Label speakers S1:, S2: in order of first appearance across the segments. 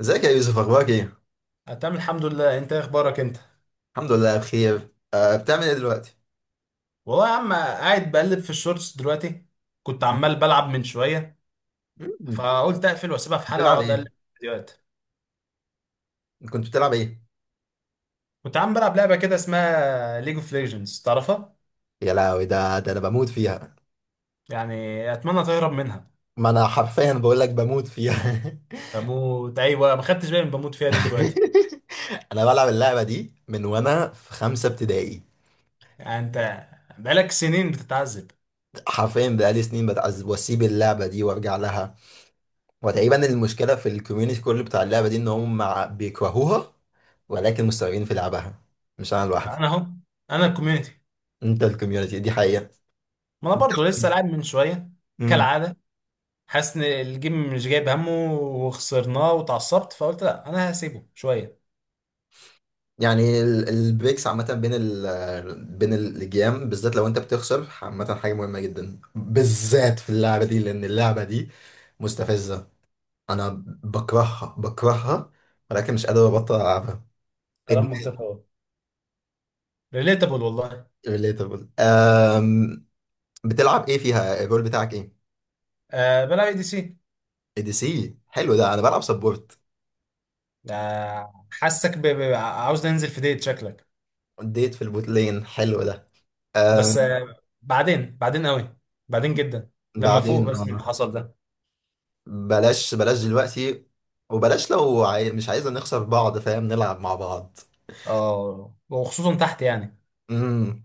S1: ازيك يا يوسف، اخبارك ايه؟
S2: أنا تمام الحمد لله. انت ايه اخبارك انت؟
S1: الحمد لله بخير. بتعمل ايه دلوقتي؟
S2: والله يا عم قاعد بقلب في الشورتس دلوقتي. كنت عمال بلعب من شويه
S1: مم.
S2: فقلت اقفل واسيبها في حلقه
S1: بتلعب
S2: واقعد اقلب
S1: ايه؟
S2: في الفيديوهات.
S1: كنت بتلعب ايه؟
S2: كنت عم بلعب لعبه كده اسمها ليج اوف ليجندز، تعرفها؟
S1: يا لهوي ده انا بموت فيها.
S2: يعني اتمنى تهرب منها.
S1: ما انا حرفيا بقول لك بموت فيها.
S2: بموت، ايوه، ما خدتش بالي من بموت فيها دي دلوقتي.
S1: انا بلعب اللعبه دي من وانا في خمسه ابتدائي.
S2: يعني انت بقالك سنين بتتعذب.
S1: حرفيا بقالي سنين بتعذب واسيب اللعبه دي وارجع لها. وتقريبا المشكله في الكوميونتي كله بتاع اللعبه دي ان هم بيكرهوها، ولكن مستمرين في لعبها، مش انا لوحدي.
S2: انا اهو، انا الكوميونتي.
S1: انت الكوميونتي دي حقيقه.
S2: ما انا برضه لسه لاعب من شويه
S1: مم.
S2: كالعاده. حاسس ان الجيم مش جايب همه وخسرناه وتعصبت فقلت لا، انا هسيبه شويه.
S1: يعني البريكس عامة بين الجيام بالذات لو انت بتخسر، عامة حاجة مهمة جدا بالذات في اللعبة دي، لأن اللعبة دي مستفزة. أنا بكرهها بكرهها، ولكن مش قادر أبطل ألعبها.
S2: كلام منطقي اهو، ريليتابل والله.
S1: ريليتابل. بتلعب إيه فيها؟ الرول بتاعك إيه؟
S2: آه، بلا اي دي سي.
S1: اي دي سي حلو ده. أنا بلعب سبورت
S2: آه، حاسك عاوز ننزل في ديت شكلك.
S1: اديت في البوت لين. حلو ده.
S2: بس
S1: أم،
S2: آه، بعدين، بعدين قوي، بعدين جدا، لما فوق
S1: بعدين،
S2: بس من اللي حصل ده.
S1: بلاش بلاش دلوقتي. وبلاش لو مش عايزة نخسر بعض، فاهم، نلعب مع بعض.
S2: اه، وخصوصا تحت يعني.
S1: امم.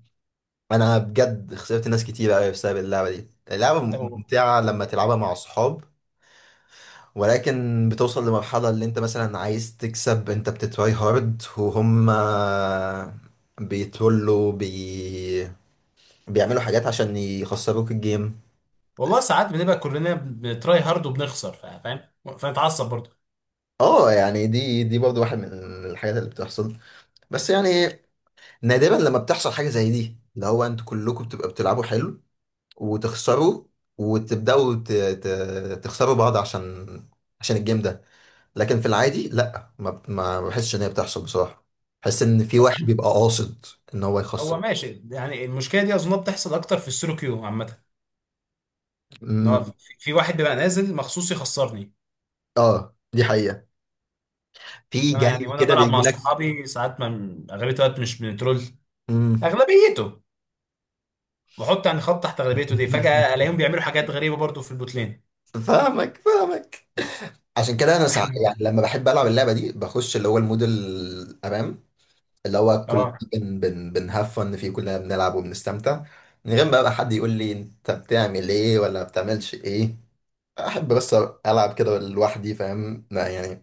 S1: انا بجد خسرت ناس كتير قوي بسبب اللعبه دي. اللعبه
S2: لو-
S1: ممتعه لما تلعبها مع اصحاب، ولكن بتوصل لمرحله اللي انت مثلا عايز تكسب، انت بتتراي هارد وهم بيتولوا بي... بيعملوا حاجات عشان يخسروك الجيم.
S2: والله ساعات بنبقى كلنا بنتراي هارد وبنخسر، فاهم؟ فنتعصب برضه.
S1: اه يعني دي برضه واحد من الحاجات اللي بتحصل. بس يعني نادرا لما بتحصل حاجه زي دي، اللي هو انتوا كلكم بتبقى بتلعبوا حلو وتخسره، وتبداوا تخسروا بعض عشان الجيم ده. لكن في العادي لا، ما بحسش ان هي بتحصل بصراحه. بحس ان في
S2: هو
S1: واحد بيبقى قاصد ان هو
S2: هو
S1: يخسر.
S2: ماشي. يعني المشكله دي اظن بتحصل اكتر في السولو كيو عامه. ان هو في
S1: امم.
S2: في واحد بيبقى نازل مخصوص يخسرني.
S1: اه دي حقيقه. في
S2: انا يعني
S1: جاي
S2: وانا
S1: كده
S2: بلعب
S1: بيجي
S2: مع
S1: لك.
S2: صحابي ساعات، ما اغلبيه الوقت مش بنترول.
S1: امم.
S2: اغلبيته، بحط يعني خط تحت اغلبيته دي، فجاه الاقيهم بيعملوا حاجات غريبه برضو في البوتلين.
S1: فاهمك فاهمك. عشان كده انا
S2: احنا
S1: يعني لما بحب العب اللعبه دي بخش اللي هو المود الامام، اللي هو كلنا
S2: اه.
S1: بن بن بنهفن فيه، كلنا بنلعب وبنستمتع، من غير بقى حد يقول لي انت بتعمل ايه ولا بتعملش ايه. احب بس العب كده لوحدي، فاهم، لا يعني.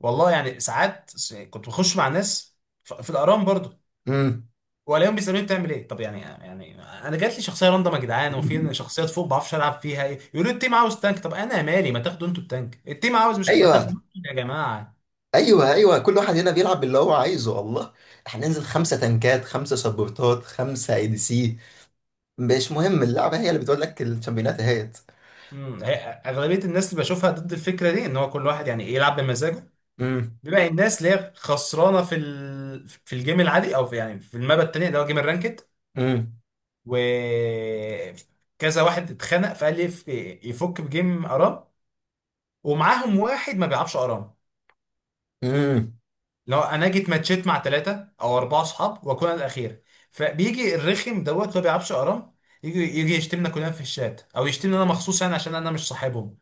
S2: والله يعني ساعات كنت بخش مع ناس في الارام برضو،
S1: امم.
S2: والاقيهم بيسالوني بتعمل ايه. طب يعني، يعني انا جات لي شخصيه راندم يا جدعان وفي شخصيات فوق ما بعرفش العب فيها ايه، يقولوا لي التيم عاوز تانك. طب انا مالي، ما تاخدوا انتوا التانك، التيم عاوز، مش ما
S1: ايوه،
S2: تاخدوا يا جماعه.
S1: ايوه، ايوه، كل واحد هنا بيلعب باللي هو عايزه والله. احنا ننزل خمسه تنكات، خمسه سبورتات، خمسه اي دي سي، مش مهم، اللعبه هي اللي بتقول لك الشامبيونات اهيت.
S2: امم هي- اغلبيه الناس اللي بشوفها ضد الفكره دي، ان هو كل واحد يعني إيه يلعب بمزاجه،
S1: امم.
S2: بيبقى الناس اللي هي خسرانه في، ال... في الجيم العادي او في يعني في المابا التانيه اللي هو جيم الرانكد.
S1: امم.
S2: و كذا واحد اتخنق فقال لي يفك بجيم ارام، ومعاهم واحد ما بيلعبش ارام.
S1: امم.
S2: لو انا جيت ماتشيت مع ثلاثه او اربعه اصحاب واكون أنا الاخير، فبيجي الرخم دوت اللي هو ما بيلعبش ارام، يجي يشتمنا كلنا في الشات او يشتمني انا مخصوص يعني عشان انا مش صاحبهم.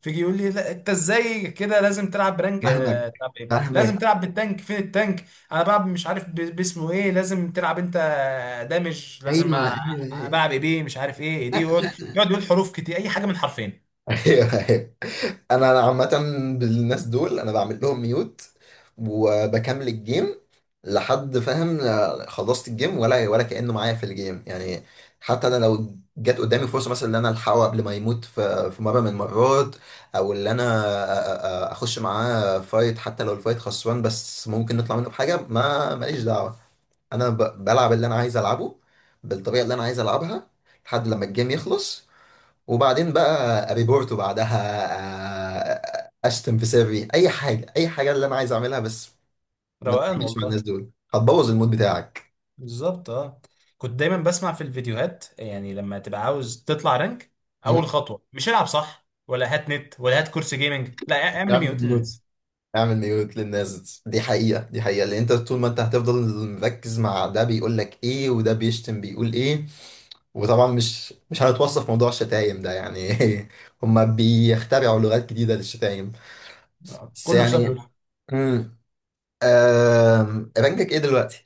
S2: فيجي يقول لي لا انت ازاي كده لازم تلعب برانك،
S1: فاهمك
S2: اه تلعب ايه، لازم
S1: فاهمك.
S2: تلعب بالتانك، فين التانك. انا بلعب مش عارف باسمه ايه، لازم تلعب انت دامج،
S1: ايوه، ايوه، ايوه.
S2: بلعب ايه بيه مش عارف ايه، ايه دي. يقعد يقول حروف كتير اي حاجه من حرفين.
S1: ايوه، ايوه. انا عامه بالناس دول انا بعمل لهم ميوت وبكمل الجيم لحد، فاهم، خلصت الجيم، ولا ولا كانه معايا في الجيم يعني. حتى انا لو جت قدامي فرصه مثلا ان انا الحقه قبل ما يموت في مره من المرات، او ان انا اخش معاه فايت، حتى لو الفايت خسران بس ممكن نطلع منه بحاجه، ما ماليش دعوه. انا بلعب اللي انا عايز العبه، بالطريقه اللي انا عايز العبها، لحد لما الجيم يخلص، وبعدين بقى ريبورت، وبعدها اشتم في سري اي حاجه، اي حاجه اللي انا عايز اعملها بس. ما
S2: روقان
S1: تعملش مع
S2: والله.
S1: الناس دول، هتبوظ المود بتاعك.
S2: بالظبط اه. كنت دايما بسمع في الفيديوهات يعني لما تبقى عاوز تطلع رانك،
S1: مم؟
S2: اول خطوه مش العب صح ولا هات نت ولا هات كرسي جيمنج، لا، اعمل
S1: اعمل
S2: ميوت
S1: ميوت.
S2: للناس.
S1: اعمل ميوت للناس، دي حقيقه دي حقيقه، لان انت طول ما انت هتفضل مركز مع ده بيقول لك ايه وده بيشتم بيقول ايه. وطبعا مش هنتوصف موضوع الشتايم ده يعني. هما بيخترعوا لغات جديده للشتايم.
S2: آه،
S1: بس
S2: كله بسبب
S1: يعني.
S2: لول.
S1: امم. رانكك ايه دلوقتي؟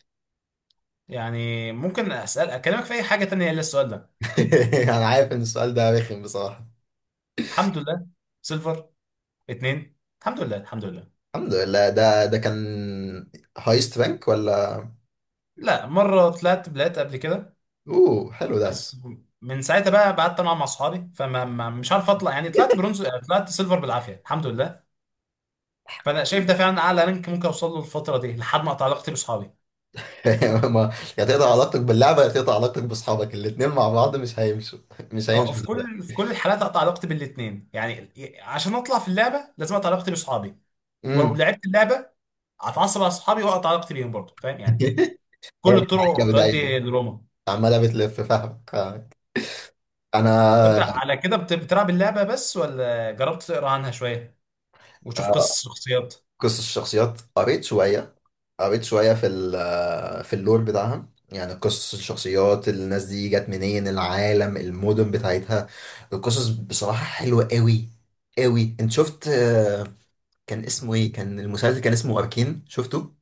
S2: يعني ممكن اسال اكلمك في اي حاجه تانية الا السؤال ده.
S1: انا عارف ان السؤال ده رخم بصراحة.
S2: الحمد لله، سيلفر اتنين. الحمد لله الحمد لله.
S1: الحمد لله ده كان هايست بانك ولا؟
S2: لا، مرة طلعت بلات قبل كده،
S1: اوه حلو ده.
S2: بس من ساعتها بقى قعدت انا مع صحابي، فما مش عارف اطلع، يعني طلعت برونز، طلعت سيلفر بالعافية الحمد لله. فانا شايف ده فعلا اعلى رانك ممكن اوصل له الفترة دي لحد ما اقطع علاقتي باصحابي.
S1: ما يا تقطع علاقتك باللعبة يا تقطع علاقتك باصحابك، الاتنين مع بعض مش هيمشوا. مش
S2: أه، أو
S1: هيمشوا
S2: في
S1: صدق.
S2: كل، في كل الحالات اقطع علاقتي بالاتنين يعني. عشان اطلع في اللعبة لازم اقطع علاقتي باصحابي، ولو
S1: امم.
S2: لعبت اللعبة اتعصب على صحابي واقطع علاقتي بيهم برضه، فاهم يعني. كل
S1: هي كانت
S2: الطرق
S1: عجبة
S2: تؤدي
S1: دايما،
S2: لروما.
S1: عمالة بتلف، فاهمك آه. انا
S2: وانت على كده بتلعب اللعبة بس ولا جربت تقرا عنها شوية وتشوف قصص الشخصيات؟
S1: قصص الشخصيات قريت شوية. قريت شوية في في اللور بتاعها، يعني قصص الشخصيات، الناس دي جت منين، العالم، المدن بتاعتها. القصص بصراحة حلوة قوي قوي. انت شفت، كان اسمه ايه، كان المسلسل كان اسمه أركين، شفته؟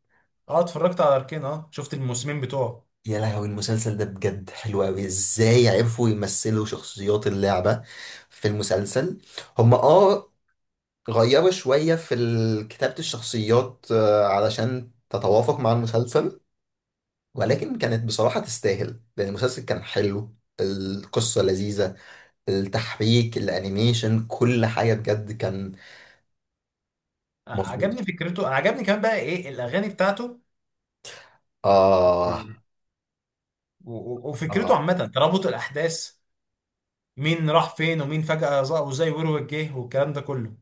S2: اه اتفرجت على اركين، اه شفت الموسمين بتوعه.
S1: يا لهوي المسلسل ده بجد حلو قوي. ازاي عرفوا يمثلوا شخصيات اللعبة في المسلسل؟ هم اه غيروا شوية في كتابة الشخصيات علشان تتوافق مع المسلسل، ولكن كانت بصراحة تستاهل لأن المسلسل كان حلو. القصة لذيذة، التحبيك، الأنيميشن، كل حاجة بجد كان مظبوط.
S2: عجبني فكرته، عجبني كمان بقى ايه الاغاني بتاعته.
S1: آه.
S2: مم. و-
S1: آه،
S2: وفكرته عامة ترابط الاحداث، مين راح فين ومين فجأة ظهر وزي وروك جه والكلام ده كله.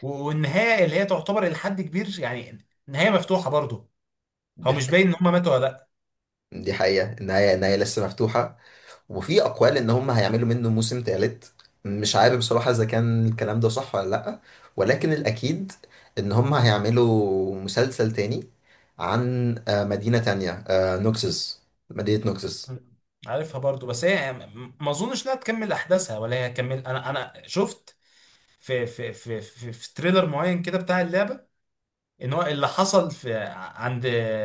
S2: والنهاية اللي هي تعتبر الى حد كبير يعني نهاية مفتوحة برضه. هو
S1: دي
S2: مش
S1: حقيقة.
S2: باين ان هما ماتوا ولا لا.
S1: دي حقيقة، النهاية، النهاية لسه مفتوحة. وفي أقوال إن هم هيعملوا منه موسم تالت. مش عارف بصراحة إذا كان الكلام ده صح ولا لأ، ولكن الأكيد إن هم هيعملوا مسلسل تاني عن مدينة تانية، نوكسس. مدينة نوكسس.
S2: مم. عارفها برضه بس هي ما اظنش انها تكمل احداثها ولا هي هتكمل. انا شفت في في تريلر معين كده بتاع اللعبه، ان هو اللي حصل في، عند،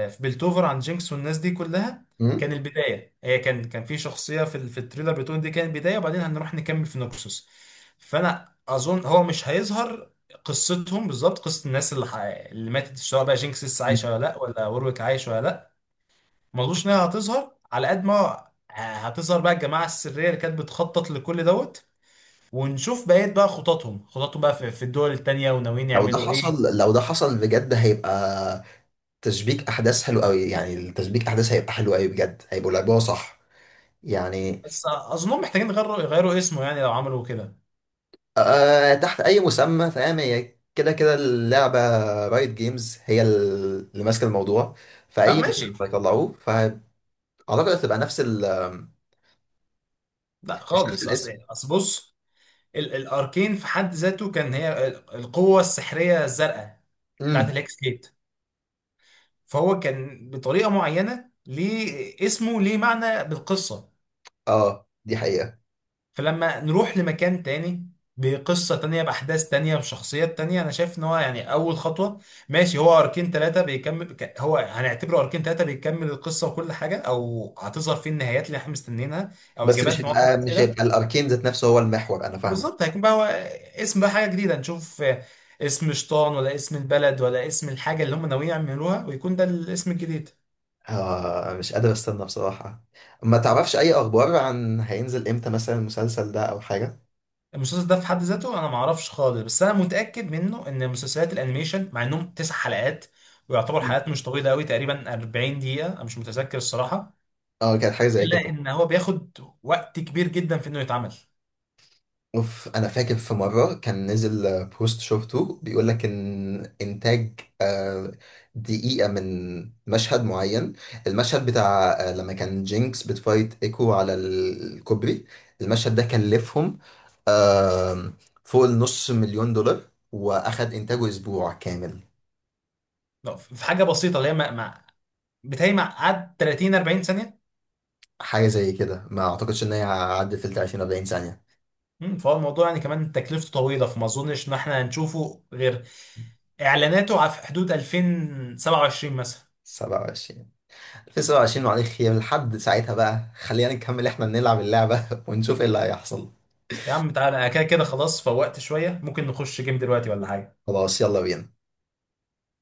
S2: في بلتوفر عند جينكس والناس دي كلها، كان البدايه. هي كان، في شخصيه في في التريلر بتقول دي كانت البدايه وبعدين هنروح نكمل في نوكسوس. فانا اظن هو مش هيظهر قصتهم بالظبط، قصه الناس اللي اللي ماتت، سواء بقى جينكس لسه
S1: مم؟
S2: عايشه ولا لا، ولا وورويك عايش ولا لا. ما اظنش انها هتظهر على قد ما هتظهر بقى الجماعه السريه اللي كانت بتخطط لكل دوت، ونشوف بقية بقى خططهم بقى في في الدول التانية وناويين
S1: لو ده
S2: يعملوا ايه.
S1: حصل، لو ده حصل بجد، هيبقى تشبيك احداث حلو قوي. يعني التشبيك احداث هيبقى حلو قوي بجد، هيبقوا لعبوها صح يعني.
S2: بس اظنهم محتاجين يغيروا اسمه يعني لو عملوا كده.
S1: آه، تحت اي مسمى فاهم. هي كده كده اللعبه رايت جيمز هي اللي ماسكه الموضوع،
S2: اه
S1: فاي مسمى
S2: ماشي.
S1: هيطلعوه فاعتقد هتبقى نفس
S2: لا
S1: مش نفس
S2: خالص، اصل
S1: الاسم.
S2: اصل بص، الاركين في حد ذاته كان هي القوة السحرية الزرقاء بتاعت
S1: امم.
S2: الهكس جيت، فهو كان بطريقة معينة ليه اسمه، ليه معنى بالقصة.
S1: اه دي حقيقه.
S2: فلما نروح لمكان تاني بقصة تانية بأحداث تانية بشخصيات تانية، أنا شايف إن هو يعني أول خطوة، ماشي هو أركين تلاتة بيكمل هو هنعتبره أركين تلاتة بيكمل القصة وكل حاجة، أو هتظهر فيه النهايات اللي إحنا مستنيينها أو
S1: بس مش
S2: إجابات لمعظم
S1: هيبقى، مش
S2: الأسئلة.
S1: هيبقى الاركين ذات نفسه هو المحور، انا فاهمك.
S2: بالظبط هيكون بقى هو اسم بقى حاجة جديدة نشوف، اسم شطان ولا اسم البلد ولا اسم الحاجة اللي هم ناويين يعملوها، ويكون ده الاسم الجديد.
S1: آه مش قادر استنى بصراحة. ما تعرفش اي اخبار عن هينزل امتى مثلا المسلسل ده او حاجة؟
S2: المسلسل ده في حد ذاته انا ما اعرفش خالص، بس انا متاكد منه ان مسلسلات الانيميشن مع انهم تسع حلقات ويعتبر
S1: مم.
S2: حلقات مش طويله قوي، تقريبا 40 دقيقه، انا مش متذكر الصراحه.
S1: اه كانت حاجة زي
S2: الا
S1: كده.
S2: ان هو بياخد وقت كبير جدا في انه يتعمل.
S1: اوف انا فاكر في مرة كان نزل بوست شفته بيقول لك ان انتاج دقيقة من مشهد معين، المشهد بتاع لما كان جينكس بتفايت ايكو على الكوبري، المشهد ده كلفهم آم، فوق النص مليون دولار، واخد انتاجه اسبوع كامل.
S2: لا، في حاجه بسيطه اللي هي بتهيألي مع قعد 30 40 ثانيه.
S1: حاجة زي كده، ما أعتقدش إن هي عدت ال 30 40 ثانية.
S2: مم، فهو الموضوع يعني كمان تكلفته طويله، فما اظنش ان احنا هنشوفه غير اعلاناته على في حدود 2027 مثلا.
S1: 27، 2027. معلش، يا لحد ساعتها بقى خلينا نكمل إحنا نلعب اللعبة. ونشوف إيه اللي هيحصل.
S2: يا عم تعالى، انا كده كده خلاص فوقت شويه، ممكن نخش جيم دلوقتي ولا حاجه؟
S1: خلاص يلا بينا.